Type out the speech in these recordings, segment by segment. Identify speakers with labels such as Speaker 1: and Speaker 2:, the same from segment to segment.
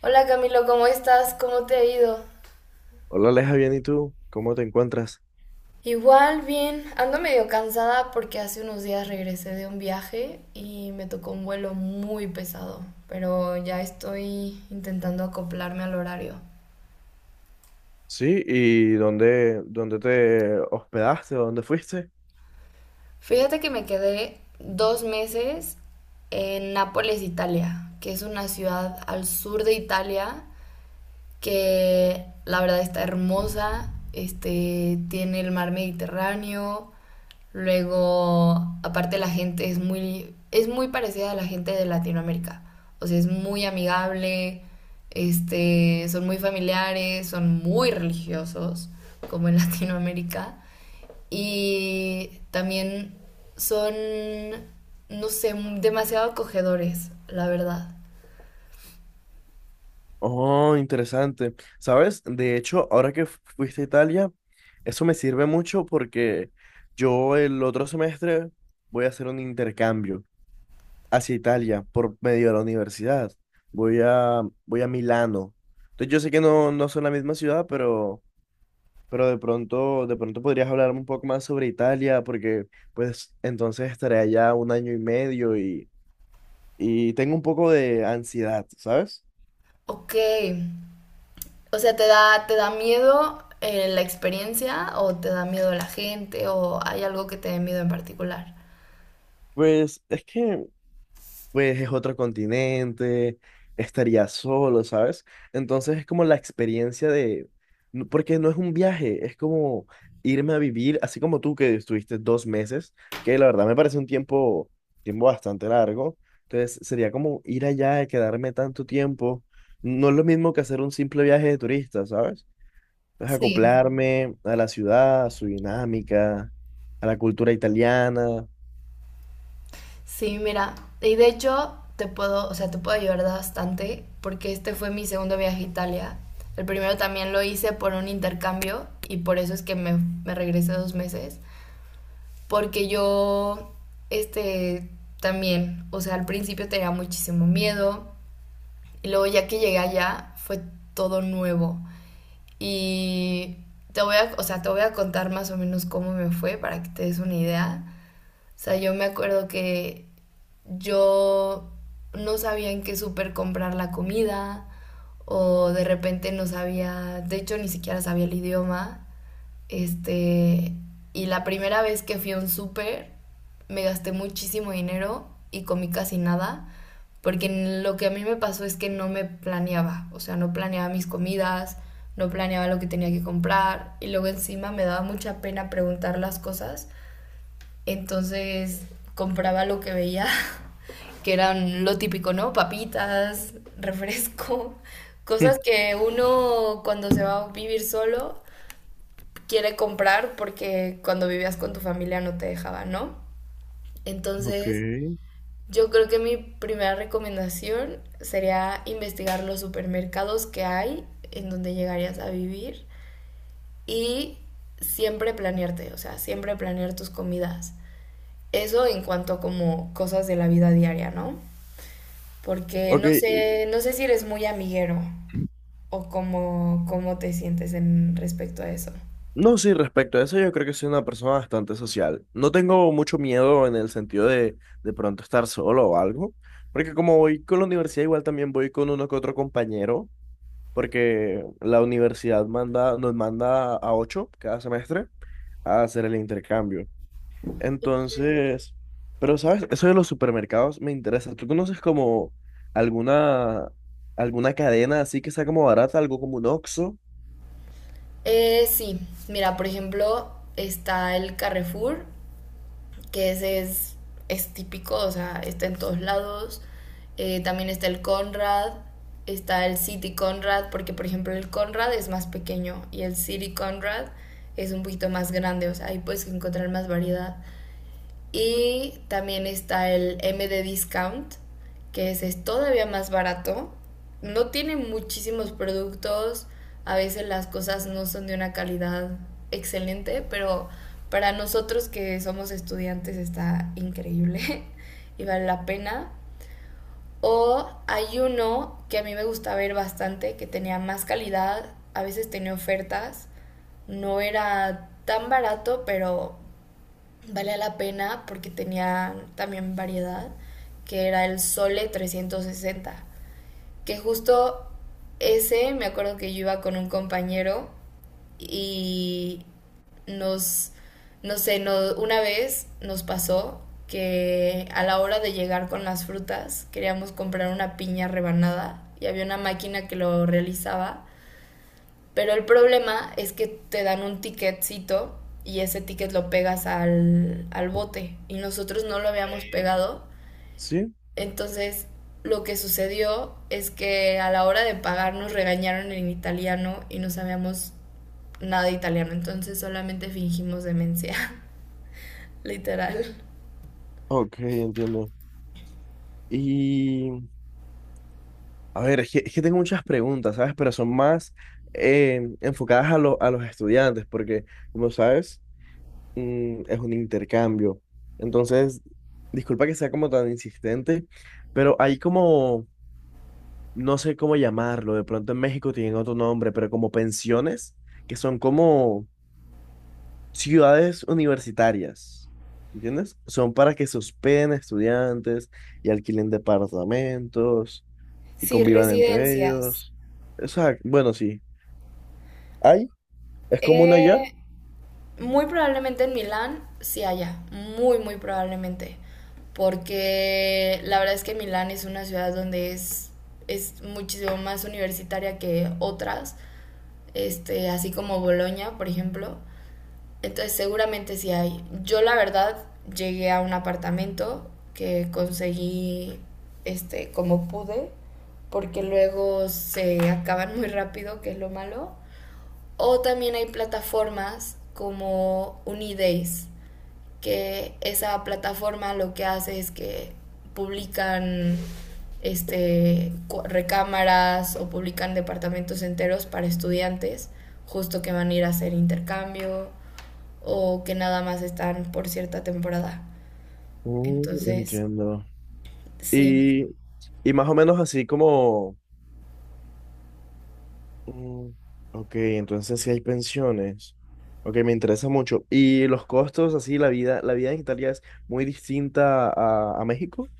Speaker 1: Hola Camilo, ¿cómo estás? ¿Cómo te ha ido?
Speaker 2: Hola Aleja, bien, ¿y tú? ¿Cómo te encuentras?
Speaker 1: Igual, bien. Ando medio cansada porque hace unos días regresé de un viaje y me tocó un vuelo muy pesado, pero ya estoy intentando acoplarme al horario.
Speaker 2: Sí, ¿y dónde te hospedaste o dónde fuiste?
Speaker 1: Fíjate que me quedé 2 meses en Nápoles, Italia, que es una ciudad al sur de Italia que la verdad está hermosa, este, tiene el mar Mediterráneo, luego aparte la gente es muy parecida a la gente de Latinoamérica, o sea, es muy amigable, este, son muy familiares, son muy religiosos, como en Latinoamérica, y también son, no sé, demasiado acogedores, la verdad.
Speaker 2: Oh, interesante. ¿Sabes? De hecho, ahora que fuiste a Italia, eso me sirve mucho porque yo el otro semestre voy a hacer un intercambio hacia Italia por medio de la universidad. Voy a Milano. Entonces yo sé que no son la misma ciudad, pero de pronto podrías hablarme un poco más sobre Italia, porque pues entonces estaré allá un año y medio y tengo un poco de ansiedad, ¿sabes?
Speaker 1: Ok. O sea, ¿te da miedo la experiencia o te da miedo la gente o hay algo que te dé miedo en particular?
Speaker 2: Pues es que es otro continente, estaría solo, ¿sabes? Entonces es como la experiencia de, porque no es un viaje, es como irme a vivir, así como tú que estuviste 2 meses, que la verdad me parece un tiempo bastante largo, entonces sería como ir allá y quedarme tanto tiempo, no es lo mismo que hacer un simple viaje de turista, ¿sabes? Entonces
Speaker 1: Sí.
Speaker 2: acoplarme a la ciudad, a su dinámica, a la cultura italiana.
Speaker 1: Sí, mira, y de hecho te puedo, o sea, te puedo ayudar bastante porque este fue mi segundo viaje a Italia. El primero también lo hice por un intercambio y por eso es que me regresé 2 meses. Porque yo, este, también, o sea, al principio tenía muchísimo miedo y luego ya que llegué allá fue todo nuevo. Y te voy a, o sea, te voy a contar más o menos cómo me fue para que te des una idea. O sea, yo me acuerdo que yo no sabía en qué súper comprar la comida o de repente no sabía, de hecho ni siquiera sabía el idioma. Este, y la primera vez que fui a un súper me gasté muchísimo dinero y comí casi nada, porque lo que a mí me pasó es que no me planeaba, o sea, no planeaba mis comidas, no planeaba lo que tenía que comprar y luego encima me daba mucha pena preguntar las cosas, entonces compraba lo que veía, que eran lo típico, ¿no? Papitas, refresco, cosas que uno cuando se va a vivir solo quiere comprar porque cuando vivías con tu familia no te dejaba, ¿no?
Speaker 2: Ok.
Speaker 1: Entonces, yo creo que mi primera recomendación sería investigar los supermercados que hay en donde llegarías a vivir y siempre planearte, o sea, siempre planear tus comidas. Eso en cuanto a como cosas de la vida diaria, ¿no? Porque
Speaker 2: Ok,
Speaker 1: no
Speaker 2: y-
Speaker 1: sé, no sé si eres muy amiguero o cómo te sientes en respecto a eso.
Speaker 2: No, sí, respecto a eso, yo creo que soy una persona bastante social. No tengo mucho miedo en el sentido de pronto estar solo o algo, porque como voy con la universidad, igual también voy con uno que otro compañero, porque la universidad manda, nos manda a ocho cada semestre a hacer el intercambio.
Speaker 1: Sí.
Speaker 2: Entonces, pero sabes, eso de los supermercados me interesa. ¿Tú conoces como alguna, alguna cadena así que sea como barata, algo como un Oxxo?
Speaker 1: Sí, mira, por ejemplo, está el Carrefour, que ese es típico, o sea, está en todos lados. También está el Conrad, está el City Conrad, porque por ejemplo el Conrad es más pequeño y el City Conrad es un poquito más grande, o sea, ahí puedes encontrar más variedad. Y también está el M MD Discount, que ese es todavía más barato. No tiene muchísimos productos, a veces las cosas no son de una calidad excelente, pero para nosotros que somos estudiantes está increíble y vale la pena. O hay uno que a mí me gusta ver bastante, que tenía más calidad, a veces tenía ofertas, no era tan barato, pero valía la pena porque tenía también variedad, que era el Sole 360, que justo ese me acuerdo que yo iba con un compañero y nos, no sé, una vez nos pasó que a la hora de llegar con las frutas queríamos comprar una piña rebanada y había una máquina que lo realizaba, pero el problema es que te dan un ticketcito y ese ticket lo pegas al bote y nosotros no lo habíamos pegado.
Speaker 2: Sí,
Speaker 1: Entonces lo que sucedió es que a la hora de pagar nos regañaron en italiano y no sabíamos nada de italiano, entonces solamente fingimos demencia, literal.
Speaker 2: ok, entiendo. y A ver, es que tengo muchas preguntas, ¿sabes? Pero son más enfocadas a los estudiantes, porque, como sabes, es un intercambio. Entonces, disculpa que sea como tan insistente, pero hay como, no sé cómo llamarlo, de pronto en México tienen otro nombre, pero como pensiones, que son como ciudades universitarias, ¿entiendes? Son para que se hospeden estudiantes y alquilen departamentos y
Speaker 1: Sí,
Speaker 2: convivan entre
Speaker 1: residencias.
Speaker 2: ellos. Exacto, bueno, sí. ¿Hay? ¿Es común allá?
Speaker 1: Eh, Muy probablemente en Milán sí haya, muy, muy probablemente. Porque la verdad es que Milán es una ciudad donde es muchísimo más universitaria que otras, este, así como Bolonia, por ejemplo. Entonces seguramente sí hay. Yo la verdad llegué a un apartamento que conseguí, este, como pude, porque luego se acaban muy rápido, que es lo malo. O también hay plataformas como Unidays, que esa plataforma lo que hace es que publican, este, recámaras o publican departamentos enteros para estudiantes, justo que van a ir a hacer intercambio o que nada más están por cierta temporada.
Speaker 2: Mm,
Speaker 1: Entonces,
Speaker 2: entiendo.
Speaker 1: sí.
Speaker 2: Y, y más o menos así como. Mm, ok, entonces sí hay pensiones. Ok, me interesa mucho. ¿Y los costos, así, la vida en Italia es muy distinta a México?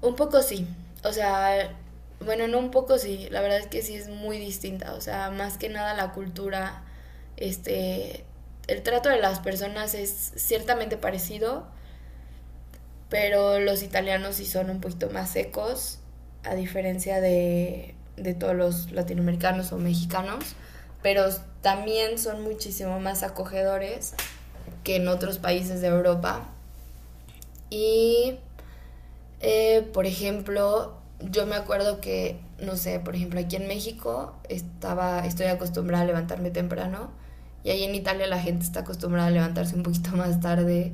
Speaker 1: Un poco sí, o sea, bueno, no un poco sí, la verdad es que sí es muy distinta, o sea, más que nada la cultura, este, el trato de las personas es ciertamente parecido, pero los italianos sí son un poquito más secos, a diferencia de todos los latinoamericanos o mexicanos, pero también son muchísimo más acogedores que en otros países de Europa. Y por ejemplo, yo me acuerdo que, no sé, por ejemplo, aquí en México estaba, estoy acostumbrada a levantarme temprano y ahí en Italia la gente está acostumbrada a levantarse un poquito más tarde,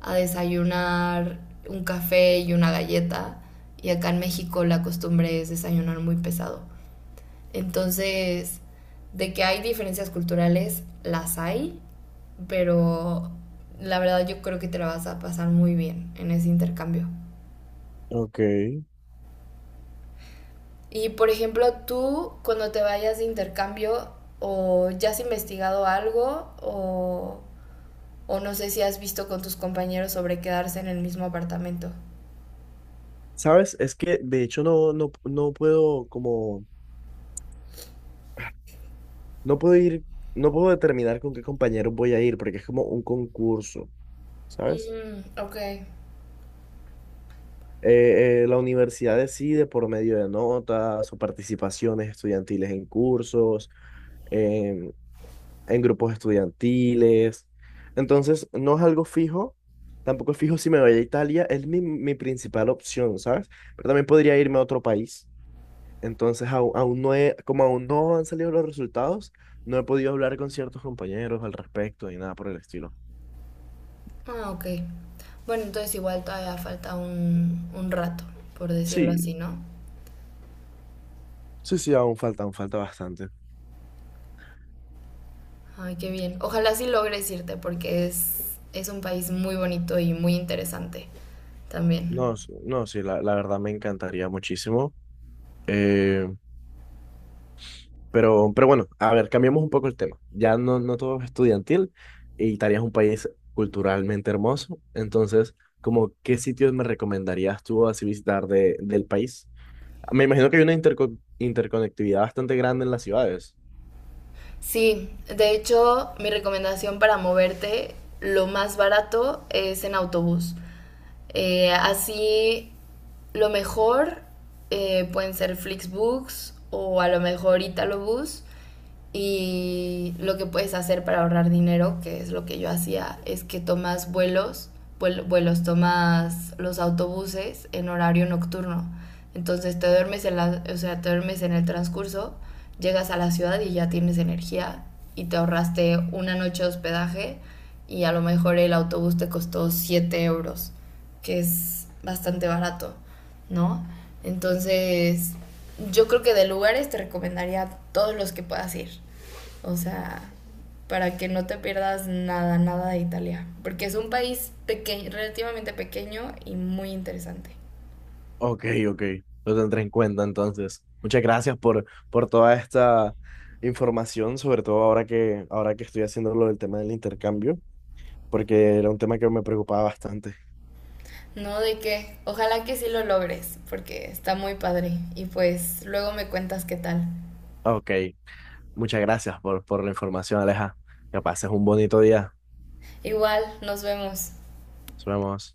Speaker 1: a desayunar un café y una galleta y acá en México la costumbre es desayunar muy pesado. Entonces, de que hay diferencias culturales, las hay, pero la verdad yo creo que te la vas a pasar muy bien en ese intercambio.
Speaker 2: Ok.
Speaker 1: Y por ejemplo, tú cuando te vayas de intercambio o ya has investigado algo o no sé si has visto con tus compañeros sobre quedarse en el mismo apartamento.
Speaker 2: ¿Sabes? Es que de hecho no, no, no puedo como, no puedo ir, no puedo determinar con qué compañero voy a ir porque es como un concurso, ¿sabes?
Speaker 1: Mm, ok.
Speaker 2: eh, la universidad decide por medio de notas o participaciones estudiantiles en cursos, en, en grupos estudiantiles. Entonces, no es algo fijo, tampoco es fijo si me voy a Italia, es mi principal opción, ¿sabes? Pero también podría irme a otro país. Entonces, aún, aún no he- como aún no han salido los resultados, no he podido hablar con ciertos compañeros al respecto ni nada por el estilo.
Speaker 1: Ah, ok. Bueno, entonces igual todavía falta un rato, por decirlo
Speaker 2: Sí,
Speaker 1: así, ¿no?
Speaker 2: sí, sí, aún falta bastante.
Speaker 1: Ay, qué bien. Ojalá sí logres irte porque es un país muy bonito y muy interesante también.
Speaker 2: No, no, sí, la verdad me encantaría muchísimo. Eh, pero bueno, a ver, cambiamos un poco el tema. Ya no todo es estudiantil y Italia es un país culturalmente hermoso. Entonces, como, ¿qué sitios me recomendarías tú así visitar del país? Me imagino que hay una interconectividad bastante grande en las ciudades.
Speaker 1: Sí, de hecho, mi recomendación para moverte, lo más barato es en autobús. Así, lo mejor pueden ser Flixbus o a lo mejor Italobús. Y lo que puedes hacer para ahorrar dinero, que es lo que yo hacía, es que tomas tomas los autobuses en horario nocturno. Entonces te duermes en la, o sea, te duermes en el transcurso, llegas a la ciudad y ya tienes energía y te ahorraste una noche de hospedaje y a lo mejor el autobús te costó 7 euros, que es bastante barato, ¿no? Entonces, yo creo que de lugares te recomendaría todos los que puedas ir. O sea, para que no te pierdas nada, nada de Italia. Porque es un país pequeño, relativamente pequeño y muy interesante.
Speaker 2: Ok, ok, lo tendré en cuenta entonces. Muchas gracias por toda esta información, sobre todo ahora que estoy haciendo lo del tema del intercambio, porque era un tema que me preocupaba bastante.
Speaker 1: No de que, ojalá que sí lo logres, porque está muy padre. Y pues luego me cuentas qué tal.
Speaker 2: Ok. Muchas gracias por la información, Aleja. Que pases un bonito día.
Speaker 1: Igual, nos vemos.
Speaker 2: Nos vemos.